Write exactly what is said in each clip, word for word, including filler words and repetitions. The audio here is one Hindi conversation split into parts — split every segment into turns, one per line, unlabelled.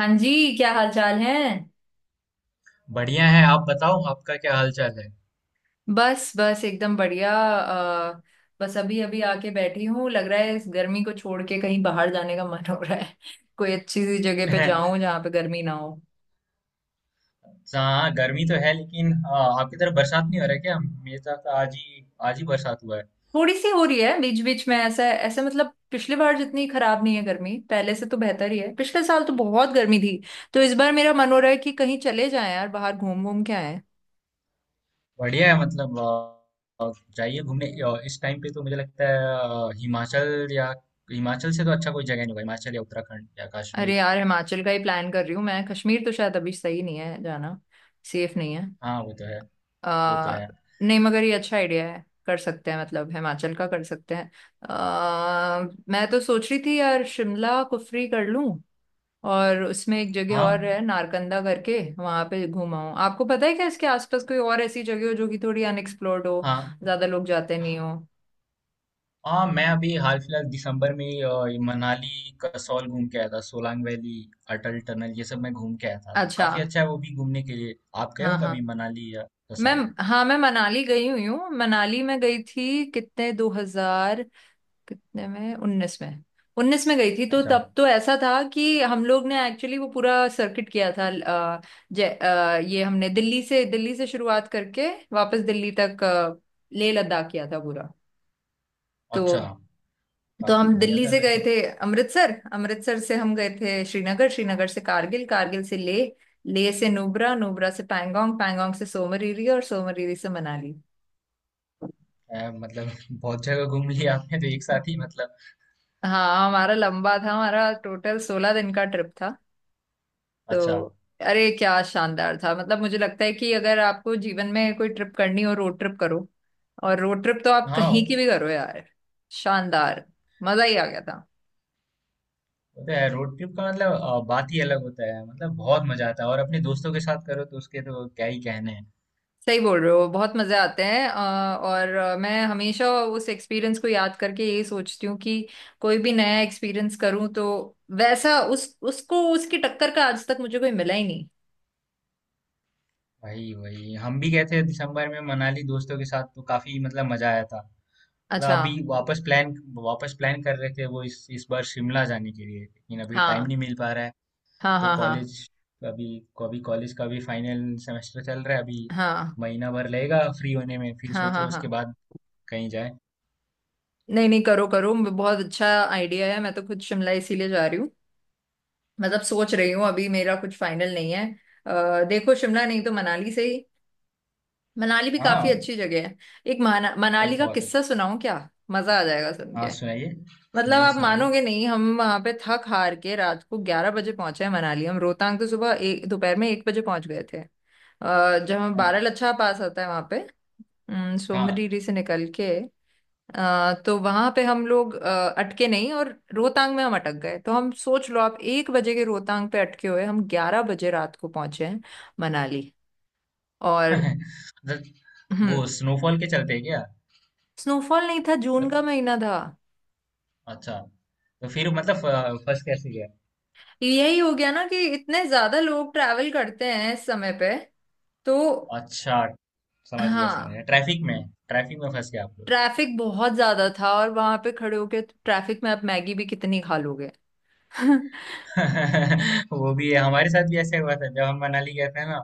हाँ जी, क्या हाल चाल है।
बढ़िया है। आप बताओ आपका क्या हाल चाल है।
बस बस एकदम बढ़िया। अ, बस अभी अभी आके बैठी हूँ। लग रहा है इस गर्मी को छोड़ के कहीं बाहर जाने का मन हो रहा है कोई अच्छी सी जगह पे जाऊं जहाँ पे गर्मी ना हो।
हाँ, गर्मी तो है। लेकिन हाँ, आपकी तरफ बरसात नहीं हो रहा है क्या? मेरे तरफ तो आज ही आज ही बरसात हुआ है।
थोड़ी सी हो रही है बीच बीच में। ऐसा ऐसा मतलब पिछली बार जितनी खराब नहीं है, गर्मी पहले से तो बेहतर ही है। पिछले साल तो बहुत गर्मी थी। तो इस बार मेरा मन हो रहा है कि कहीं चले जाएं यार, बाहर घूम घूम के आए।
बढ़िया है। मतलब अ, अ, जाइए घूमने। अ, इस टाइम पे तो मुझे लगता है अ, हिमाचल या हिमाचल से तो अच्छा कोई जगह नहीं होगा। हिमाचल या उत्तराखंड या
अरे
कश्मीर।
यार, हिमाचल का ही प्लान कर रही हूँ मैं। कश्मीर तो शायद अभी सही नहीं है जाना, सेफ नहीं है।
हाँ, वो तो है। वो तो
आ,
है।
नहीं, मगर ये अच्छा आइडिया है, कर सकते हैं। मतलब हिमाचल का कर सकते हैं। आ, मैं तो सोच रही थी यार शिमला कुफरी कर लूं। और उसमें एक जगह
हाँ,
और है नारकंदा करके, वहां पे घुमाऊं। आपको पता है क्या इसके आसपास कोई और ऐसी जगह हो जो कि थोड़ी अनएक्सप्लोर्ड हो,
हाँ।
ज्यादा लोग जाते नहीं हो।
हाँ, मैं अभी हाल फिलहाल दिसंबर में अ, ये मनाली कसौल घूम के आया था। सोलांग वैली, अटल टनल, ये सब मैं घूम के आया था। तो
अच्छा।
काफी अच्छा है वो भी घूमने के लिए। आप गए
हाँ
हो
हाँ।
कभी मनाली या
मैम
कसौल?
हाँ, मैं मनाली गई हुई हूँ। मनाली में गई थी, कितने, दो हज़ार तेईस? कितने में, उन्नीस में। उन्नीस में गई थी। तो
अच्छा।
तब तो ऐसा था कि हम लोग ने एक्चुअली वो पूरा सर्किट किया था। अ, जय अ, ये हमने दिल्ली से दिल्ली से शुरुआत करके, वापस दिल्ली तक अ, लेह लद्दाख किया था पूरा। तो
अच्छा।
तो
वाह,
हम
बढ़िया
दिल्ली
था
से
फिर
गए
तो।
थे अमृतसर, अमृतसर से हम गए थे श्रीनगर, श्रीनगर से कारगिल, कारगिल से लेह, लेह से नुब्रा, नुब्रा से पैंगोंग, पैंगोंग से सोमरीरी, और सोमरीरी से मनाली।
अ, मतलब बहुत जगह घूम लिया आपने तो एक साथ ही। मतलब।
हाँ हमारा लंबा था, हमारा टोटल सोलह दिन का ट्रिप था।
अच्छा।
तो अरे क्या शानदार था। मतलब मुझे लगता है कि अगर आपको जीवन में कोई ट्रिप करनी हो, रोड ट्रिप करो। और रोड ट्रिप तो आप
हाँ,
कहीं
वो
की भी करो यार, शानदार। मजा ही आ गया था।
तो है। रोड ट्रिप का मतलब अ, बात ही अलग होता है। मतलब बहुत मजा आता है, और अपने दोस्तों के साथ करो तो उसके तो क्या ही कहने हैं।
सही बोल रहे हो, बहुत मजे आते हैं। अ, और अ, मैं हमेशा उस एक्सपीरियंस को याद करके यही सोचती हूँ कि कोई भी नया एक्सपीरियंस करूँ तो वैसा उस उसको उसकी टक्कर का आज तक मुझे कोई मिला ही नहीं।
वही वही, हम भी गए थे दिसंबर में मनाली दोस्तों के साथ, तो काफी मतलब मजा आया था। मतलब
अच्छा।
अभी वापस प्लान वापस प्लान कर रहे थे वो इस इस बार शिमला जाने के लिए, लेकिन अभी टाइम
हाँ
नहीं मिल पा रहा है।
हाँ
तो
हाँ हाँ
कॉलेज अभी अभी कॉलेज का भी फाइनल सेमेस्टर चल रहा है अभी।
हाँ
महीना भर लगेगा फ्री होने में। फिर
हाँ
सोच
हाँ
रहे
हाँ
उसके
हाँ।
बाद कहीं जाए।
नहीं नहीं, करो करो, बहुत अच्छा आइडिया है। मैं तो खुद शिमला इसीलिए जा रही हूँ। मतलब सोच रही हूँ, अभी मेरा कुछ फाइनल नहीं है। अ, देखो शिमला नहीं तो मनाली से ही। मनाली भी काफी
हाँ।
अच्छी जगह है। एक माना,
भाई,
मनाली का
बहुत
किस्सा
अच्छा।
सुनाऊं क्या? मजा आ जाएगा सुन
हाँ,
के।
सुनाइए।
मतलब
सुनाइए।
आप
सुनाइए।
मानोगे नहीं, हम वहां पे थक हार के रात को ग्यारह बजे पहुंचे हैं मनाली। हम रोहतांग तो सुबह एक, दोपहर में एक बजे पहुंच गए थे। अ, जब हम
हाँ,
बारह लच्छा पास आता है वहां पे, अम,
हाँ।
सोमरीरी से निकल के, अ, तो वहां पे हम लोग अ, अटके नहीं। और रोहतांग में हम अटक गए। तो हम, सोच लो आप एक बजे के रोहतांग पे अटके हुए हम ग्यारह बजे रात को पहुंचे हैं मनाली। और
मतलब। वो
हम्म।
स्नोफॉल के चलते हैं क्या?
स्नोफॉल नहीं था, जून
मतलब।
का महीना था।
अच्छा। तो फिर मतलब अ, फंस कैसे गया?
यही हो गया ना कि इतने ज्यादा लोग ट्रैवल करते हैं इस समय पे, तो
अच्छा, समझ गया, समझ
हाँ।
गया। ट्रैफिक में। ट्रैफिक में फंस गया आप लोग।
ट्रैफिक बहुत ज्यादा था। और वहां पे खड़े होके ट्रैफिक में आप मैगी भी कितनी खा लोगे।
वो भी है। हमारे साथ भी ऐसा हुआ था जब हम मनाली गए थे ना।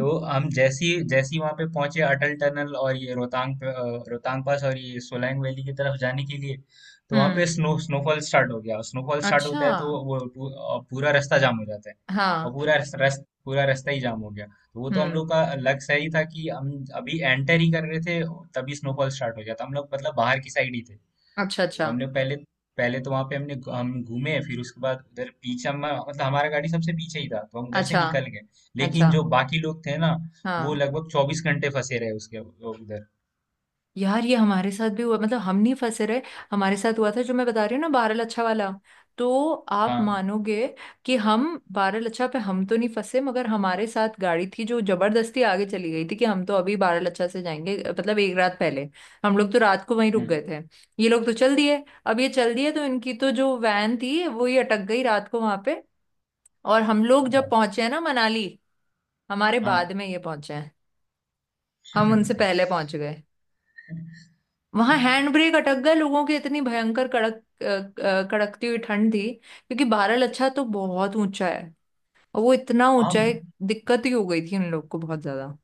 तो हम जैसी जैसी वहां पे पहुंचे अटल टनल और ये रोहतांग पे- अ, रोहतांग पास और ये सोलैंग वैली की तरफ जाने के लिए। तो वहां पे
हम्म।
स्नो स्नोफॉल स्टार्ट हो गया। स्नोफॉल स्टार्ट
अच्छा।
होता है तो वो पू- अ, पूरा रास्ता जाम हो जाता है।
हाँ।
और पूरा रस, रस, पूरा रास्ता ही जाम हो गया। तो वो तो हम लोग
हम्म।
का लक सही था कि हम अभी एंटर ही कर रहे थे, तभी स्नोफॉल स्टार्ट हो गया था। हम लोग मतलब बाहर की साइड ही थे।
अच्छा
तो
अच्छा
हमने पहले, पहले तो वहां पे हमने हम घूमे। फिर उसके बाद उधर पीछे हम, मतलब हमारा गाड़ी सबसे पीछे ही था, तो हम उधर से
अच्छा
निकल गए। लेकिन
अच्छा।
जो बाकी लोग थे ना, वो
हाँ
लगभग चौबीस घंटे फंसे रहे उसके उधर।
यार, ये हमारे साथ भी हुआ। मतलब हम नहीं फंसे रहे, हमारे साथ हुआ था जो मैं बता रही हूँ ना, बारह लच्छा वाला। तो आप
हाँ।
मानोगे कि हम बारह लच्छा पे हम तो नहीं फंसे, मगर हमारे साथ गाड़ी थी जो जबरदस्ती आगे चली गई थी कि हम तो अभी बारह लच्छा से जाएंगे। मतलब एक रात पहले हम लोग तो रात को वहीं रुक
हम्म।
गए थे। ये लोग तो चल दिए। अब ये चल दिए तो इनकी तो जो वैन थी वो ही अटक गई रात को वहां पे। और हम लोग
अच्छा।
जब पहुंचे हैं ना मनाली, हमारे
हाँ।
बाद में ये पहुंचे हैं। हम उनसे पहले पहुंच गए। वहां हैंड ब्रेक अटक गया लोगों की, इतनी भयंकर कड़क, अ, अ, कड़कती हुई ठंड थी क्योंकि बारह अच्छा तो बहुत ऊंचा है। और वो इतना
हाँ।
ऊंचा है, दिक्कत ही हो गई थी उन लोग को बहुत ज्यादा।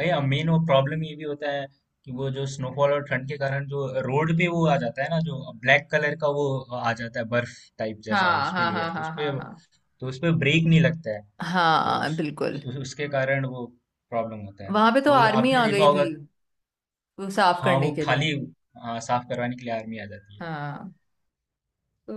भैया, मेन वो प्रॉब्लम ये भी होता है कि वो जो स्नोफॉल और ठंड के कारण जो रोड पे वो आ जाता है ना, जो ब्लैक कलर का वो आ जाता है बर्फ टाइप जैसा,
हाँ
उस पे
हाँ
लेयर,
हाँ
तो उस
हाँ
पे
हाँ
तो उस पे ब्रेक नहीं लगता है।
हाँ
तो
हाँ,
उस,
बिल्कुल।
उस, उस- उसके कारण वो प्रॉब्लम होता है।
वहां पे तो
और
आर्मी
आपने
आ
देखा
गई थी
होगा।
वो साफ
हाँ, वो
करने के लिए।
खाली। हाँ, साफ करवाने के लिए आर्मी आ जाती है।
हाँ। तो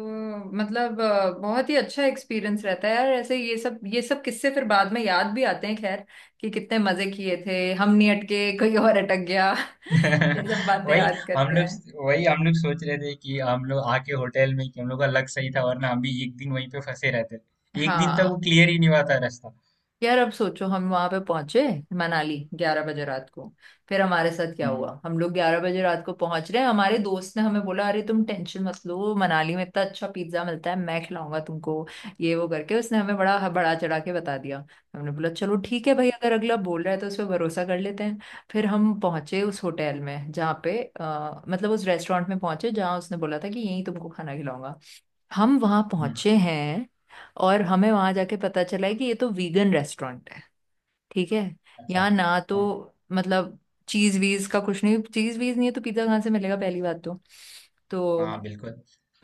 मतलब अ, बहुत ही अच्छा एक्सपीरियंस रहता है यार। ऐसे ये सब ये सब किस्से फिर बाद में याद भी आते हैं, खैर, कि कितने मजे किए थे, हम नहीं अटके, कोई और अटक गया। ये सब बातें
वही।
याद
हम
करते हैं।
लोग वही हम लोग सोच रहे थे कि हम लोग आके होटल में, कि हम लोग का लक सही था, वरना हम भी एक दिन वहीं पे फंसे रहते। एक दिन तक
हाँ
वो क्लियर ही नहीं हुआ था रास्ता।
यार, अब सोचो हम वहां पे पहुंचे मनाली ग्यारह बजे रात को। फिर हमारे साथ क्या हुआ,
हम्म।
हम लोग ग्यारह बजे रात को पहुंच रहे हैं, हमारे दोस्त ने हमें बोला अरे तुम टेंशन मत लो, मनाली में इतना अच्छा पिज्जा मिलता है, मैं खिलाऊंगा तुमको, ये वो करके उसने हमें बड़ा बड़ा चढ़ा के बता दिया। हमने बोला चलो ठीक है भाई, अगर अगला बोल रहा है तो उस पर भरोसा कर लेते हैं। फिर हम पहुंचे उस होटल में जहाँ पे अ, मतलब उस रेस्टोरेंट में पहुंचे जहाँ उसने बोला था कि यहीं तुमको खाना खिलाऊंगा। हम वहां
हम्म।
पहुंचे हैं और हमें वहां जाके पता चला है कि ये तो वीगन रेस्टोरेंट है। ठीक है,
अच्छा।
यहाँ ना तो
हाँ।
मतलब चीज वीज का कुछ नहीं, चीज वीज नहीं है तो पिज्जा कहाँ से मिलेगा पहली बात तो। तो
हाँ, बिल्कुल।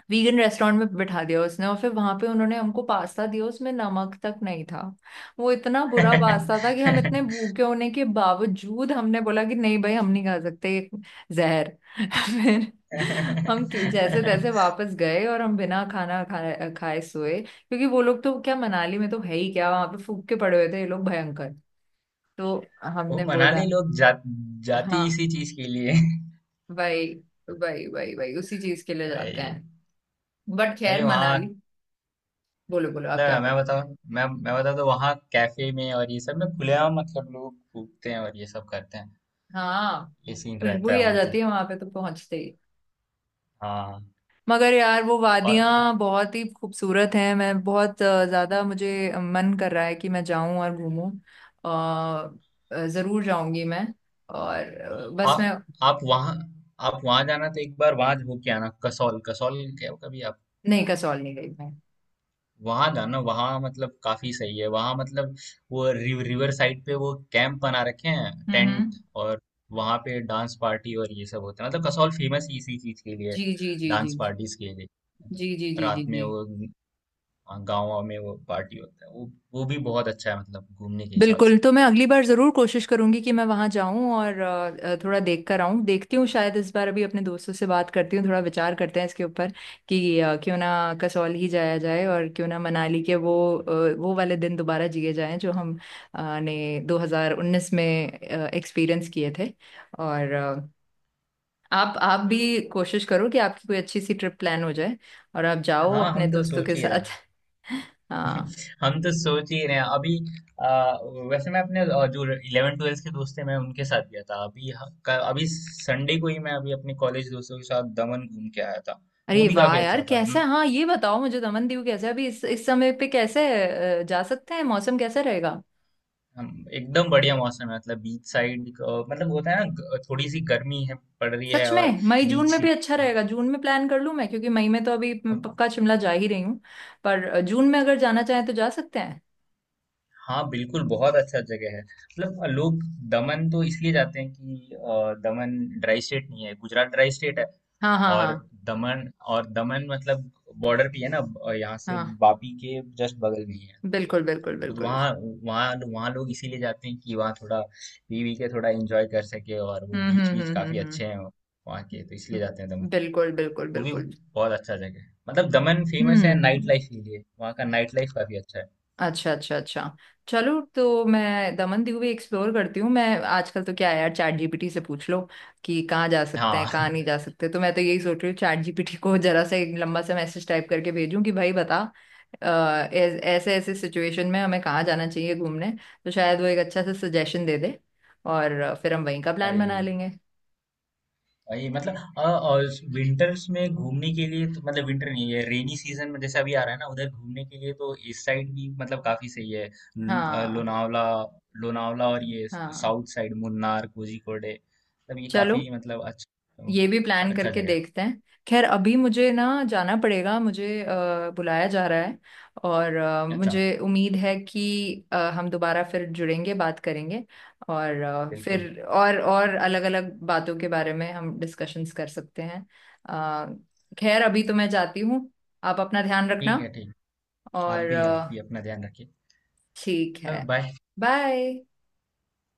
वीगन रेस्टोरेंट में बिठा दिया उसने और फिर वहां पे उन्होंने हमको पास्ता दिया, उसमें नमक तक नहीं था। वो इतना बुरा पास्ता था कि हम इतने भूखे होने के बावजूद हमने बोला कि नहीं भाई, हम नहीं खा सकते ये जहर। फिर हम कि- जैसे तैसे वापस गए और हम बिना खाना खाए खाए सोए क्योंकि वो लोग तो क्या, मनाली में तो है ही क्या, वहां पे फूक के पड़े हुए थे ये लोग भयंकर। तो
वो
हमने बोला
मनाली लोग जा, जाते ही
हाँ
इसी चीज के लिए।
भाई, भाई भाई भाई, उसी चीज के लिए जाते
भाई,
हैं। बट
भाई,
खैर
वहाँ
मनाली, बोलो बोलो आप क्या
मतलब
बोल
मैं
रहे थे।
बताऊँ मैं मैं बताऊँ तो वहाँ कैफे में और ये सब में खुलेआम मतलब लोग कूदते हैं और ये सब करते हैं।
हाँ
ये सीन
खुशबू
रहता है
ही आ
वहाँ तो।
जाती है वहां पे तो पहुंचते ही।
हाँ।
मगर यार वो
और
वादियां बहुत ही खूबसूरत हैं। मैं बहुत अ, ज्यादा, मुझे मन कर रहा है कि मैं जाऊं और घूमूं। अ, जरूर जाऊंगी मैं। और अ,
आ,
बस मैं,
आप वहाँ आप वहाँ जाना तो एक बार वहाँ होके आना। कसौल कसौल गए हो कभी आप?
नहीं कसौल नहीं गई मैं।
वहाँ जाना। वहाँ मतलब काफी सही है। वहाँ मतलब वो रिव, रिवर साइड पे वो कैंप बना रखे हैं,
हम्म हम्म।
टेंट। और वहाँ पे डांस पार्टी और ये सब होता है। मतलब कसौल फेमस इसी चीज के लिए।
जी जी जी जी
डांस
जी
पार्टीज के लिए।
जी जी जी जी
रात में
जी।
वो, हाँ, गाँव में वो पार्टी होता है। वो वो भी बहुत अच्छा है मतलब घूमने के हिसाब
बिल्कुल,
से।
तो मैं अगली बार ज़रूर कोशिश करूंगी कि मैं वहां जाऊं और अ, थोड़ा देख कर आऊं। देखती हूँ शायद इस बार, अभी अपने दोस्तों से बात करती हूँ, थोड़ा विचार करते हैं इसके ऊपर कि अ, क्यों ना कसौल ही जाया जाए, और क्यों ना मनाली के वो अ, वो वाले दिन दोबारा जिए जाएं जो हम अ, ने दो हज़ार उन्नीस में एक्सपीरियंस किए थे। और अ, आप आप भी कोशिश करो कि आपकी कोई अच्छी सी ट्रिप प्लान हो जाए और आप जाओ
हाँ,
अपने
हम तो
दोस्तों के
सोच ही रहे
साथ।
हैं।
हाँ।
हम तो सोच ही रहे हैं अभी। आ, वैसे मैं अपने आ, जो इलेवन ट्वेल्थ के दोस्त थे मैं उनके साथ गया था। अभी ह- क- अभी संडे को ही, मैं अभी अपने कॉलेज दोस्तों के साथ दमन घूम के आया था। वो
अरे
भी
वाह
काफी
यार,
अच्छा था।
कैसा
हम
है, हाँ ये बताओ मुझे, दमनदीव कैसा है अभी इस इस समय पे, कैसे अ, जा सकते हैं, मौसम कैसा रहेगा?
हम- एकदम बढ़िया मौसम है। मतलब बीच साइड, मतलब होता है ना, ग- थोड़ी सी गर्मी है पड़ रही है।
सच
और
में मई जून में
बीच
भी
ही,
अच्छा रहेगा, जून में प्लान कर लूं मैं, क्योंकि मई में तो अभी मैं
हाँ,
पक्का शिमला जा ही रही हूँ। पर अ, जून में अगर जाना चाहें तो जा सकते हैं।
हाँ, बिल्कुल, बहुत अच्छा जगह है। मतलब लोग दमन तो इसलिए जाते हैं कि अ, दमन ड्राई स्टेट नहीं है, गुजरात ड्राई स्टेट है।
हाँ हाँ
और
हाँ
दमन और दमन मतलब बॉर्डर पे है ना। अ, यहाँ से
हाँ,
वापी के जस्ट बगल में ही है।
बिल्कुल
तो
बिल्कुल
वो तो,
बिल्कुल।
वहाँ वहाँ वहाँ लोग इसीलिए जाते हैं कि वहाँ थोड़ा पी वी के थोड़ा एंजॉय कर सके, और वो
हम्म
बीच
हम्म
बीच काफी
हम्म हम्म।
अच्छे हैं वहाँ के, तो इसलिए जाते हैं
हम्म,
दमन।
बिल्कुल बिल्कुल
वो भी
बिल्कुल।
बहुत अच्छा जगह है। मतलब दमन फेमस है नाइट
हम्म।
लाइफ के लिए, वहाँ का नाइट लाइफ काफी अच्छा है।
अच्छा अच्छा अच्छा। चलो तो मैं दमन दीव भी एक्सप्लोर करती हूँ मैं। आजकल तो क्या है यार, चैट जीपीटी से पूछ लो कि कहाँ जा सकते हैं
हाँ।
कहाँ नहीं जा सकते। तो मैं तो यही सोच रही हूँ चैट जीपीटी को जरा सा एक लंबा सा मैसेज टाइप करके भेजूँ कि भाई बता अ, ऐस- ऐसे ऐसे सिचुएशन में हमें कहाँ जाना चाहिए घूमने, तो शायद वो एक अच्छा सा सजेशन दे दे। और फिर हम वहीं का प्लान बना
अई।
लेंगे।
भाई मतलब अ, और विंटर्स में घूमने के लिए तो, मतलब विंटर नहीं है, रेनी सीजन में, जैसे अभी आ रहा है ना, उधर घूमने के लिए तो इस साइड भी मतलब काफी सही है। न- अ,
हाँ
लोनावला। लोनावला और ये
हाँ,
साउथ साइड, मुन्नार, कोझिकोड, मतलब ये
चलो,
काफी मतलब अच्छा,
ये भी प्लान
अच्छा
करके
जगह है।
देखते हैं। खैर अभी मुझे ना जाना पड़ेगा, मुझे अ, बुलाया जा रहा है। और अ,
अच्छा।
मुझे उम्मीद है कि अ, हम दोबारा फिर जुड़ेंगे, बात करेंगे। और अ,
बिल्कुल।
फिर और और अलग-अलग बातों के बारे में हम डिस्कशंस कर सकते हैं। अ, खैर अभी तो मैं जाती हूँ, आप अपना ध्यान
ठीक
रखना।
है। ठीक। आप
और
भी आप
अ,
भी अपना ध्यान रखिए।
ठीक है।
बाय।
बाय।